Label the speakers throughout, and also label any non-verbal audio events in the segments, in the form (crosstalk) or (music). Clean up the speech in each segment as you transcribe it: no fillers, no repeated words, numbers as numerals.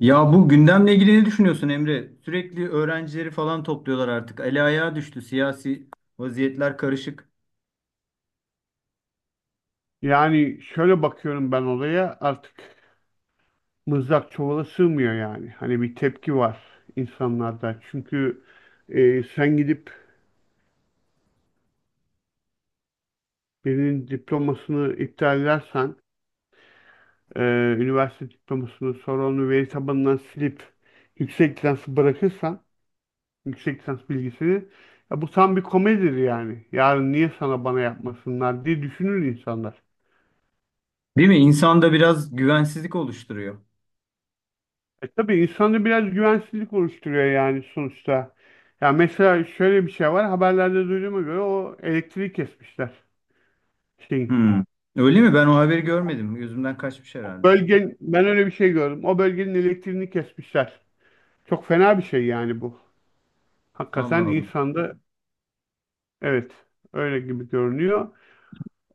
Speaker 1: Ya bu gündemle ilgili ne düşünüyorsun, Emre? Sürekli öğrencileri falan topluyorlar artık. Eli ayağa düştü. Siyasi vaziyetler karışık.
Speaker 2: Yani şöyle bakıyorum ben olaya artık mızrak çuvala sığmıyor yani. Hani bir tepki var insanlarda. Çünkü sen gidip birinin diplomasını iptal edersen, e, üniversite diplomasını sonra onu veri tabanından silip yüksek lisansı bırakırsan, yüksek lisans bilgisini ya bu tam bir komedidir yani. Yarın niye sana bana yapmasınlar diye düşünür insanlar.
Speaker 1: Değil mi? İnsanda biraz güvensizlik oluşturuyor.
Speaker 2: E tabii insanda biraz güvensizlik oluşturuyor yani sonuçta. Ya mesela şöyle bir şey var. Haberlerde duyduğuma göre o elektriği kesmişler. Şeyin.
Speaker 1: Hmm. Öyle mi? Ben o haberi görmedim. Gözümden kaçmış herhalde.
Speaker 2: Bölgen, ben öyle bir şey gördüm. O bölgenin elektriğini kesmişler. Çok fena bir şey yani bu.
Speaker 1: Allah
Speaker 2: Hakikaten
Speaker 1: Allah.
Speaker 2: insanda evet öyle gibi görünüyor.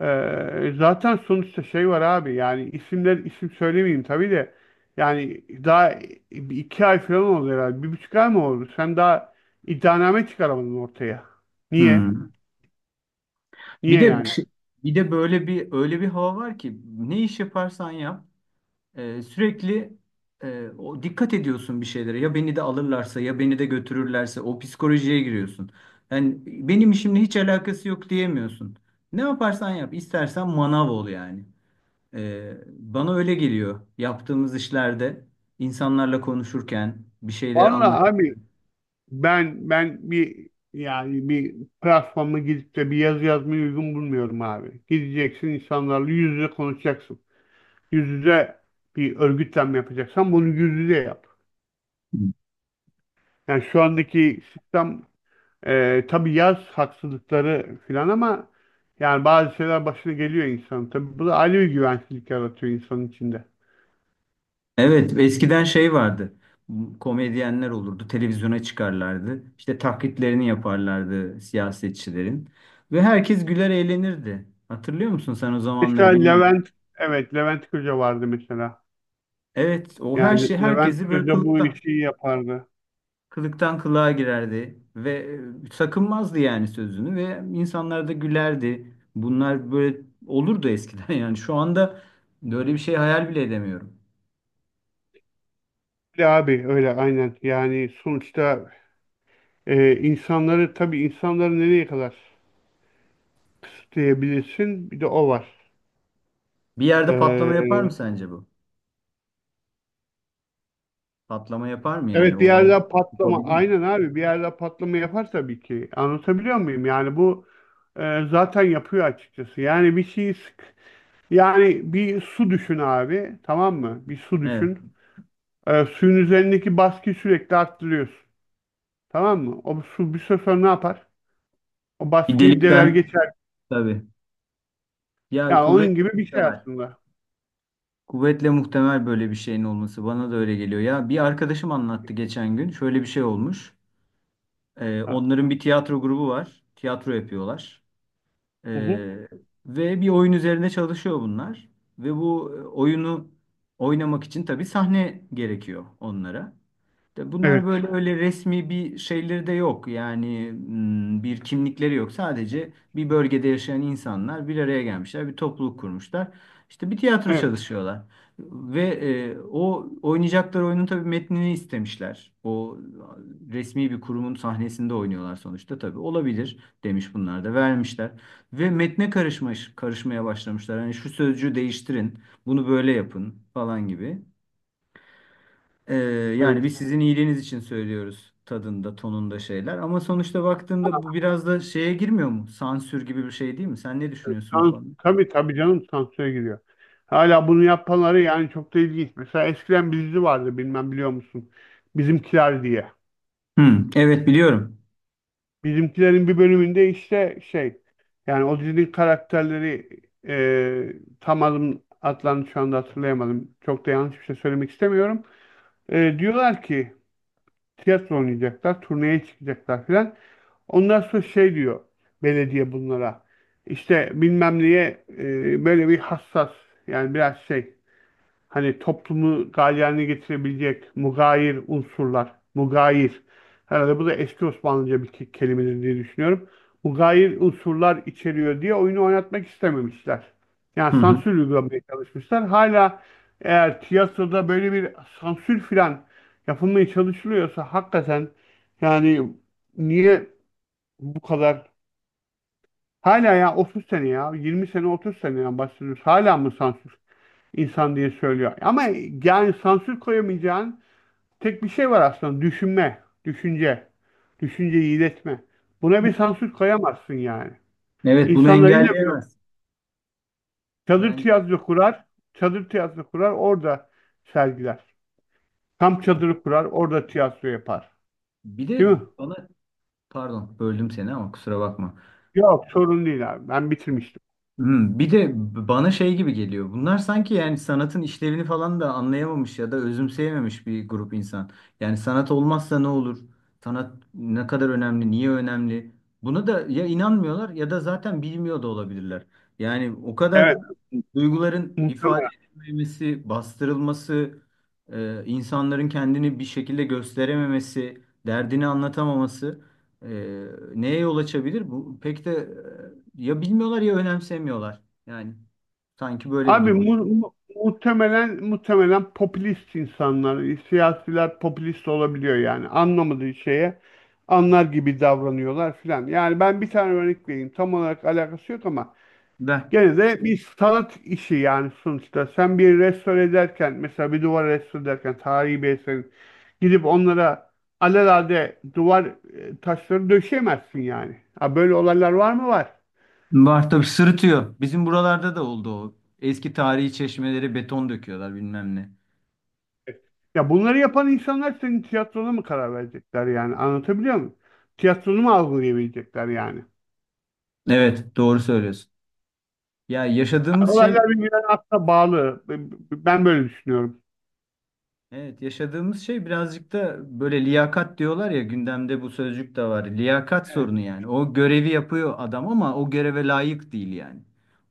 Speaker 2: Zaten sonuçta şey var abi yani isimler isim söylemeyeyim tabii de yani daha bir iki ay falan oldu herhalde. Bir buçuk ay mı oldu? Sen daha iddianame çıkaramadın ortaya. Niye?
Speaker 1: Hmm. Bir
Speaker 2: Niye
Speaker 1: de
Speaker 2: yani?
Speaker 1: bir de böyle bir öyle bir hava var ki ne iş yaparsan yap. Sürekli o dikkat ediyorsun bir şeylere. Ya beni de alırlarsa ya beni de götürürlerse o psikolojiye giriyorsun. Yani benim işimle hiç alakası yok diyemiyorsun. Ne yaparsan yap, istersen manav ol yani. Bana öyle geliyor. Yaptığımız işlerde insanlarla konuşurken, bir şeyleri
Speaker 2: Vallahi
Speaker 1: anlatırken.
Speaker 2: abi ben bir yani bir platforma gidip de bir yazı yazmayı uygun bulmuyorum abi. Gideceksin insanlarla yüz yüze konuşacaksın. Yüz yüze bir örgütlenme yapacaksan bunu yüz yüze yap. Yani şu andaki sistem tabii yaz haksızlıkları filan ama yani bazı şeyler başına geliyor insan. Tabii bu da ayrı bir güvensizlik yaratıyor insanın içinde.
Speaker 1: Evet, eskiden şey vardı. Komedyenler olurdu, televizyona çıkarlardı. İşte taklitlerini yaparlardı siyasetçilerin. Ve herkes güler eğlenirdi. Hatırlıyor musun sen o
Speaker 2: Mesela
Speaker 1: zamanları, bilmiyorum.
Speaker 2: Levent, evet Levent Kırca vardı mesela.
Speaker 1: Evet, o her şey
Speaker 2: Yani Levent
Speaker 1: herkesi böyle
Speaker 2: Kırca bu
Speaker 1: kılıktan,
Speaker 2: işi yapardı.
Speaker 1: kılıktan kılığa girerdi. Ve sakınmazdı yani sözünü ve insanlar da gülerdi. Bunlar böyle olurdu eskiden (laughs) yani. Şu anda böyle bir şey hayal bile edemiyorum.
Speaker 2: Öyle abi öyle aynen. Yani sonuçta insanları tabii insanları nereye kadar kısıtlayabilirsin? Bir de o var.
Speaker 1: Bir yerde patlama yapar
Speaker 2: Ee,
Speaker 1: mı sence bu? Patlama yapar mı yani
Speaker 2: Evet bir
Speaker 1: olay?
Speaker 2: yerde patlama
Speaker 1: Yapabilir mi?
Speaker 2: aynen abi bir yerde patlama yapar tabii ki anlatabiliyor muyum yani bu zaten yapıyor açıkçası yani bir şeyi sık yani bir su düşün abi, tamam mı? Bir su
Speaker 1: Evet.
Speaker 2: düşün. Suyun üzerindeki baskıyı sürekli arttırıyorsun, tamam mı? O su bir süre sonra ne yapar? O
Speaker 1: Bir
Speaker 2: baskıyı deler
Speaker 1: delikten,
Speaker 2: geçer.
Speaker 1: tabii. Ya
Speaker 2: Yani onun
Speaker 1: kuvvetle
Speaker 2: gibi bir şey
Speaker 1: muhtemel.
Speaker 2: aslında.
Speaker 1: Kuvvetle muhtemel böyle bir şeyin olması. Bana da öyle geliyor. Ya bir arkadaşım anlattı geçen gün. Şöyle bir şey olmuş.
Speaker 2: Ha.
Speaker 1: Onların bir tiyatro grubu var. Tiyatro yapıyorlar.
Speaker 2: Hı hı.
Speaker 1: Ee, Ve bir oyun üzerine çalışıyor bunlar. Ve bu oyunu oynamak için tabii sahne gerekiyor onlara. De
Speaker 2: Evet
Speaker 1: bunlar böyle öyle resmi bir şeyleri de yok. Yani hmm, bir kimlikleri yok. Sadece bir bölgede yaşayan insanlar bir araya gelmişler, bir topluluk kurmuşlar. İşte bir tiyatro
Speaker 2: evet
Speaker 1: çalışıyorlar. Ve o oynayacakları oyunun tabii metnini istemişler. O resmi bir kurumun sahnesinde oynuyorlar sonuçta tabii. Olabilir demiş, bunlar da vermişler. Ve metne karışmaya başlamışlar. Hani şu sözcüğü değiştirin, bunu böyle yapın falan gibi. Ee, Yani
Speaker 2: evet.
Speaker 1: biz sizin iyiliğiniz için söylüyoruz tadında, tonunda şeyler. Ama sonuçta baktığında bu biraz da şeye girmiyor mu? Sansür gibi bir şey değil mi? Sen ne düşünüyorsun bu
Speaker 2: Tan
Speaker 1: konuda?
Speaker 2: tabii tabii canım, sansüre giriyor. Hala bunu yapanları yani çok da ilginç. Mesela eskiden bir dizi vardı, bilmem biliyor musun? Bizimkiler diye.
Speaker 1: Hı, evet, biliyorum.
Speaker 2: Bizimkilerin bir bölümünde işte şey, yani o dizinin karakterleri e, tam adlarını şu anda hatırlayamadım. Çok da yanlış bir şey söylemek istemiyorum. Diyorlar ki tiyatro oynayacaklar, turneye çıkacaklar filan. Ondan sonra şey diyor belediye bunlara. İşte bilmem neye böyle bir hassas, yani biraz şey, hani toplumu galeyana getirebilecek mugayir unsurlar, mugayir. Herhalde bu da eski Osmanlıca bir kelimedir diye düşünüyorum. Mugayir unsurlar içeriyor diye oyunu oynatmak istememişler. Yani
Speaker 1: Hı hı.
Speaker 2: sansür uygulamaya çalışmışlar. Hala eğer tiyatroda böyle bir sansür filan yapılmaya çalışılıyorsa hakikaten yani niye bu kadar hala, ya 30 sene ya 20 sene, 30 seneden bahsediyoruz. Hala mı sansür? İnsan diye söylüyor. Ama yani sansür koyamayacağın tek bir şey var aslında. Düşünme, düşünce, düşünceyi iletme. Buna bir sansür koyamazsın yani.
Speaker 1: Evet, bunu
Speaker 2: İnsanlar yine bir
Speaker 1: engelleyemez.
Speaker 2: çadır
Speaker 1: Bence
Speaker 2: tiyatro kurar, çadır tiyatro kurar, orada sergiler. Kamp çadırı kurar, orada tiyatro yapar.
Speaker 1: bir
Speaker 2: Değil
Speaker 1: de
Speaker 2: mi?
Speaker 1: bana pardon, böldüm seni, ama kusura bakma.
Speaker 2: Yok, sorun değil abi. Ben bitirmiştim.
Speaker 1: Hmm, bir de bana şey gibi geliyor. Bunlar sanki yani sanatın işlevini falan da anlayamamış ya da özümseyememiş bir grup insan. Yani sanat olmazsa ne olur? Sanat ne kadar önemli? Niye önemli? Buna da ya inanmıyorlar ya da zaten bilmiyor da olabilirler. Yani o kadar
Speaker 2: Evet,
Speaker 1: duyguların ifade
Speaker 2: muhtemelen.
Speaker 1: edilmemesi, bastırılması, insanların kendini bir şekilde gösterememesi, derdini anlatamaması. Ee, Neye yol açabilir bu? Pek de ya bilmiyorlar ya önemsemiyorlar. Yani sanki böyle bir
Speaker 2: Abi
Speaker 1: durum.
Speaker 2: muhtemelen popülist insanlar, siyasiler popülist olabiliyor yani anlamadığı şeye anlar gibi davranıyorlar filan. Yani ben bir tane örnek vereyim. Tam olarak alakası yok ama
Speaker 1: Ben.
Speaker 2: gene de bir sanat işi yani sonuçta. Sen bir restore ederken, mesela bir duvar restore ederken tarihi bir eserin, gidip onlara alelade duvar taşları döşeyemezsin yani. Ha, böyle olaylar var mı? Var.
Speaker 1: Var tabii, sırıtıyor. Bizim buralarda da oldu o. Eski tarihi çeşmelere beton döküyorlar bilmem ne.
Speaker 2: Ya bunları yapan insanlar senin tiyatrona mı karar verecekler yani? Anlatabiliyor muyum? Tiyatronu mu algılayabilecekler yani?
Speaker 1: Evet, doğru söylüyorsun. Ya yaşadığımız şey.
Speaker 2: Olaylar birbirine aslında bağlı. Ben böyle düşünüyorum.
Speaker 1: Evet, yaşadığımız şey birazcık da böyle liyakat diyorlar ya, gündemde bu sözcük de var. Liyakat
Speaker 2: Evet.
Speaker 1: sorunu yani. O görevi yapıyor adam ama o göreve layık değil yani.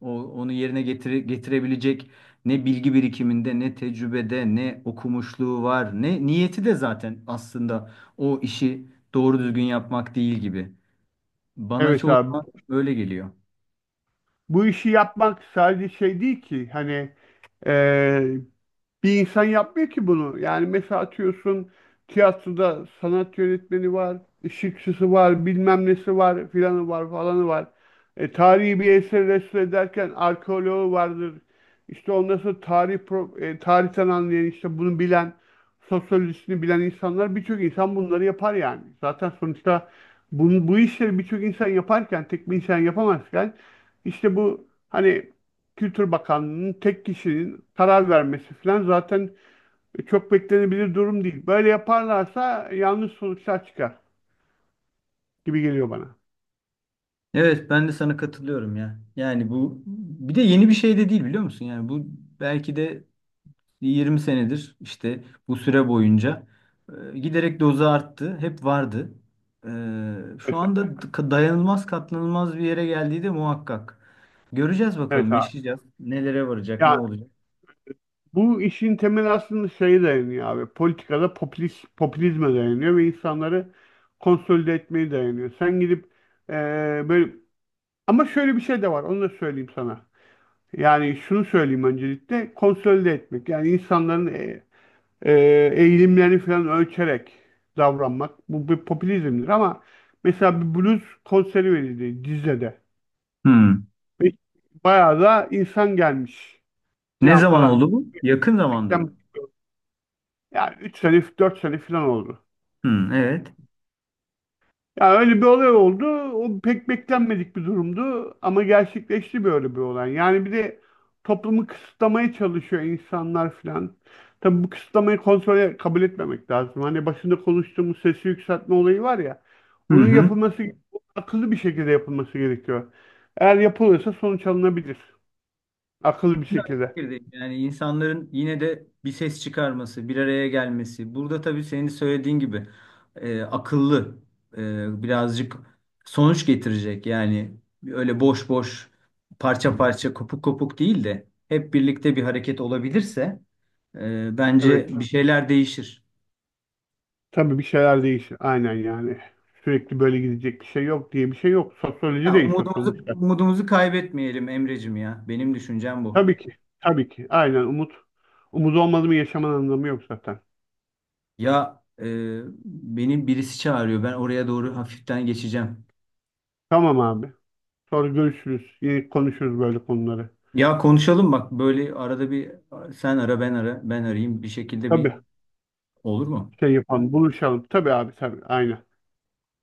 Speaker 1: O onu yerine getirebilecek ne bilgi birikiminde, ne tecrübede, ne okumuşluğu var, ne niyeti de zaten aslında o işi doğru düzgün yapmak değil gibi. Bana
Speaker 2: Evet
Speaker 1: çoğu
Speaker 2: abi.
Speaker 1: zaman öyle geliyor.
Speaker 2: Bu işi yapmak sadece şey değil ki. Hani eee, bir insan yapmıyor ki bunu. Yani mesela atıyorsun tiyatroda sanat yönetmeni var, ışıkçısı var, bilmem nesi var, filanı var, falanı var. E, tarihi bir eseri restore ederken arkeoloğu vardır. İşte ondan sonra tarihten anlayan, işte bunu bilen, sosyolojisini bilen insanlar, birçok insan bunları yapar yani. Zaten sonuçta bu işleri birçok insan yaparken tek bir insan yapamazken, işte bu hani Kültür Bakanlığı'nın tek kişinin karar vermesi falan zaten çok beklenebilir durum değil. Böyle yaparlarsa yanlış sonuçlar çıkar gibi geliyor bana.
Speaker 1: Evet, ben de sana katılıyorum ya. Yani bu bir de yeni bir şey de değil, biliyor musun? Yani bu belki de 20 senedir işte bu süre boyunca giderek dozu arttı. Hep vardı. Şu
Speaker 2: Mesela.
Speaker 1: anda dayanılmaz, katlanılmaz bir yere geldiği de muhakkak. Göreceğiz
Speaker 2: Evet
Speaker 1: bakalım,
Speaker 2: abi.
Speaker 1: yaşayacağız. Nelere varacak, ne
Speaker 2: Ya
Speaker 1: olacak?
Speaker 2: bu işin temeli aslında şeye dayanıyor abi. Politikada popülist, popülizme dayanıyor ve insanları konsolide etmeye dayanıyor. Sen gidip eee, böyle ama şöyle bir şey de var. Onu da söyleyeyim sana. Yani şunu söyleyeyim öncelikle konsolide etmek. Yani insanların e, eğilimlerini falan ölçerek davranmak. Bu bir popülizmdir ama mesela bir blues konseri verildi Düzce'de.
Speaker 1: Hmm.
Speaker 2: Ve bayağı da insan gelmiş
Speaker 1: Ne
Speaker 2: falan
Speaker 1: zaman
Speaker 2: falan.
Speaker 1: oldu bu? Yakın zamanda mı?
Speaker 2: Yani 3 sene 4 sene falan oldu.
Speaker 1: Hmm, evet.
Speaker 2: Ya öyle bir olay oldu. O pek beklenmedik bir durumdu ama gerçekleşti böyle bir olay. Yani bir de toplumu kısıtlamaya çalışıyor insanlar filan. Tabii bu kısıtlamayı kontrole kabul etmemek lazım. Hani başında konuştuğumuz sesi yükseltme olayı var ya.
Speaker 1: Hı
Speaker 2: Bunun
Speaker 1: hı.
Speaker 2: yapılması Akıllı bir şekilde yapılması gerekiyor. Eğer yapılırsa sonuç alınabilir. Akıllı bir
Speaker 1: Ben de aynı
Speaker 2: şekilde.
Speaker 1: fikirdeyim. Yani insanların yine de bir ses çıkarması, bir araya gelmesi. Burada tabii senin söylediğin gibi akıllı, birazcık sonuç getirecek. Yani öyle boş boş, parça parça, kopuk kopuk değil de hep birlikte bir hareket olabilirse
Speaker 2: Evet.
Speaker 1: bence bir şeyler değişir.
Speaker 2: Tabii bir şeyler değişir. Aynen yani. Sürekli böyle gidecek bir şey yok diye bir şey yok.
Speaker 1: Ya
Speaker 2: Sosyoloji değişiyor
Speaker 1: umudumuzu
Speaker 2: sonuçta.
Speaker 1: umudumuzu kaybetmeyelim Emrecim ya. Benim düşüncem bu.
Speaker 2: Tabii ki. Tabii ki. Aynen, umut. Umut olmadı mı yaşamanın anlamı yok zaten.
Speaker 1: Ya beni birisi çağırıyor. Ben oraya doğru hafiften geçeceğim.
Speaker 2: Tamam abi. Sonra görüşürüz. Yine konuşuruz böyle konuları.
Speaker 1: Ya konuşalım bak, böyle arada bir sen ara ben ara ben arayayım bir şekilde, bir
Speaker 2: Tabii.
Speaker 1: olur mu?
Speaker 2: Şey yapalım. Buluşalım. Tabii abi, tabii. Aynen.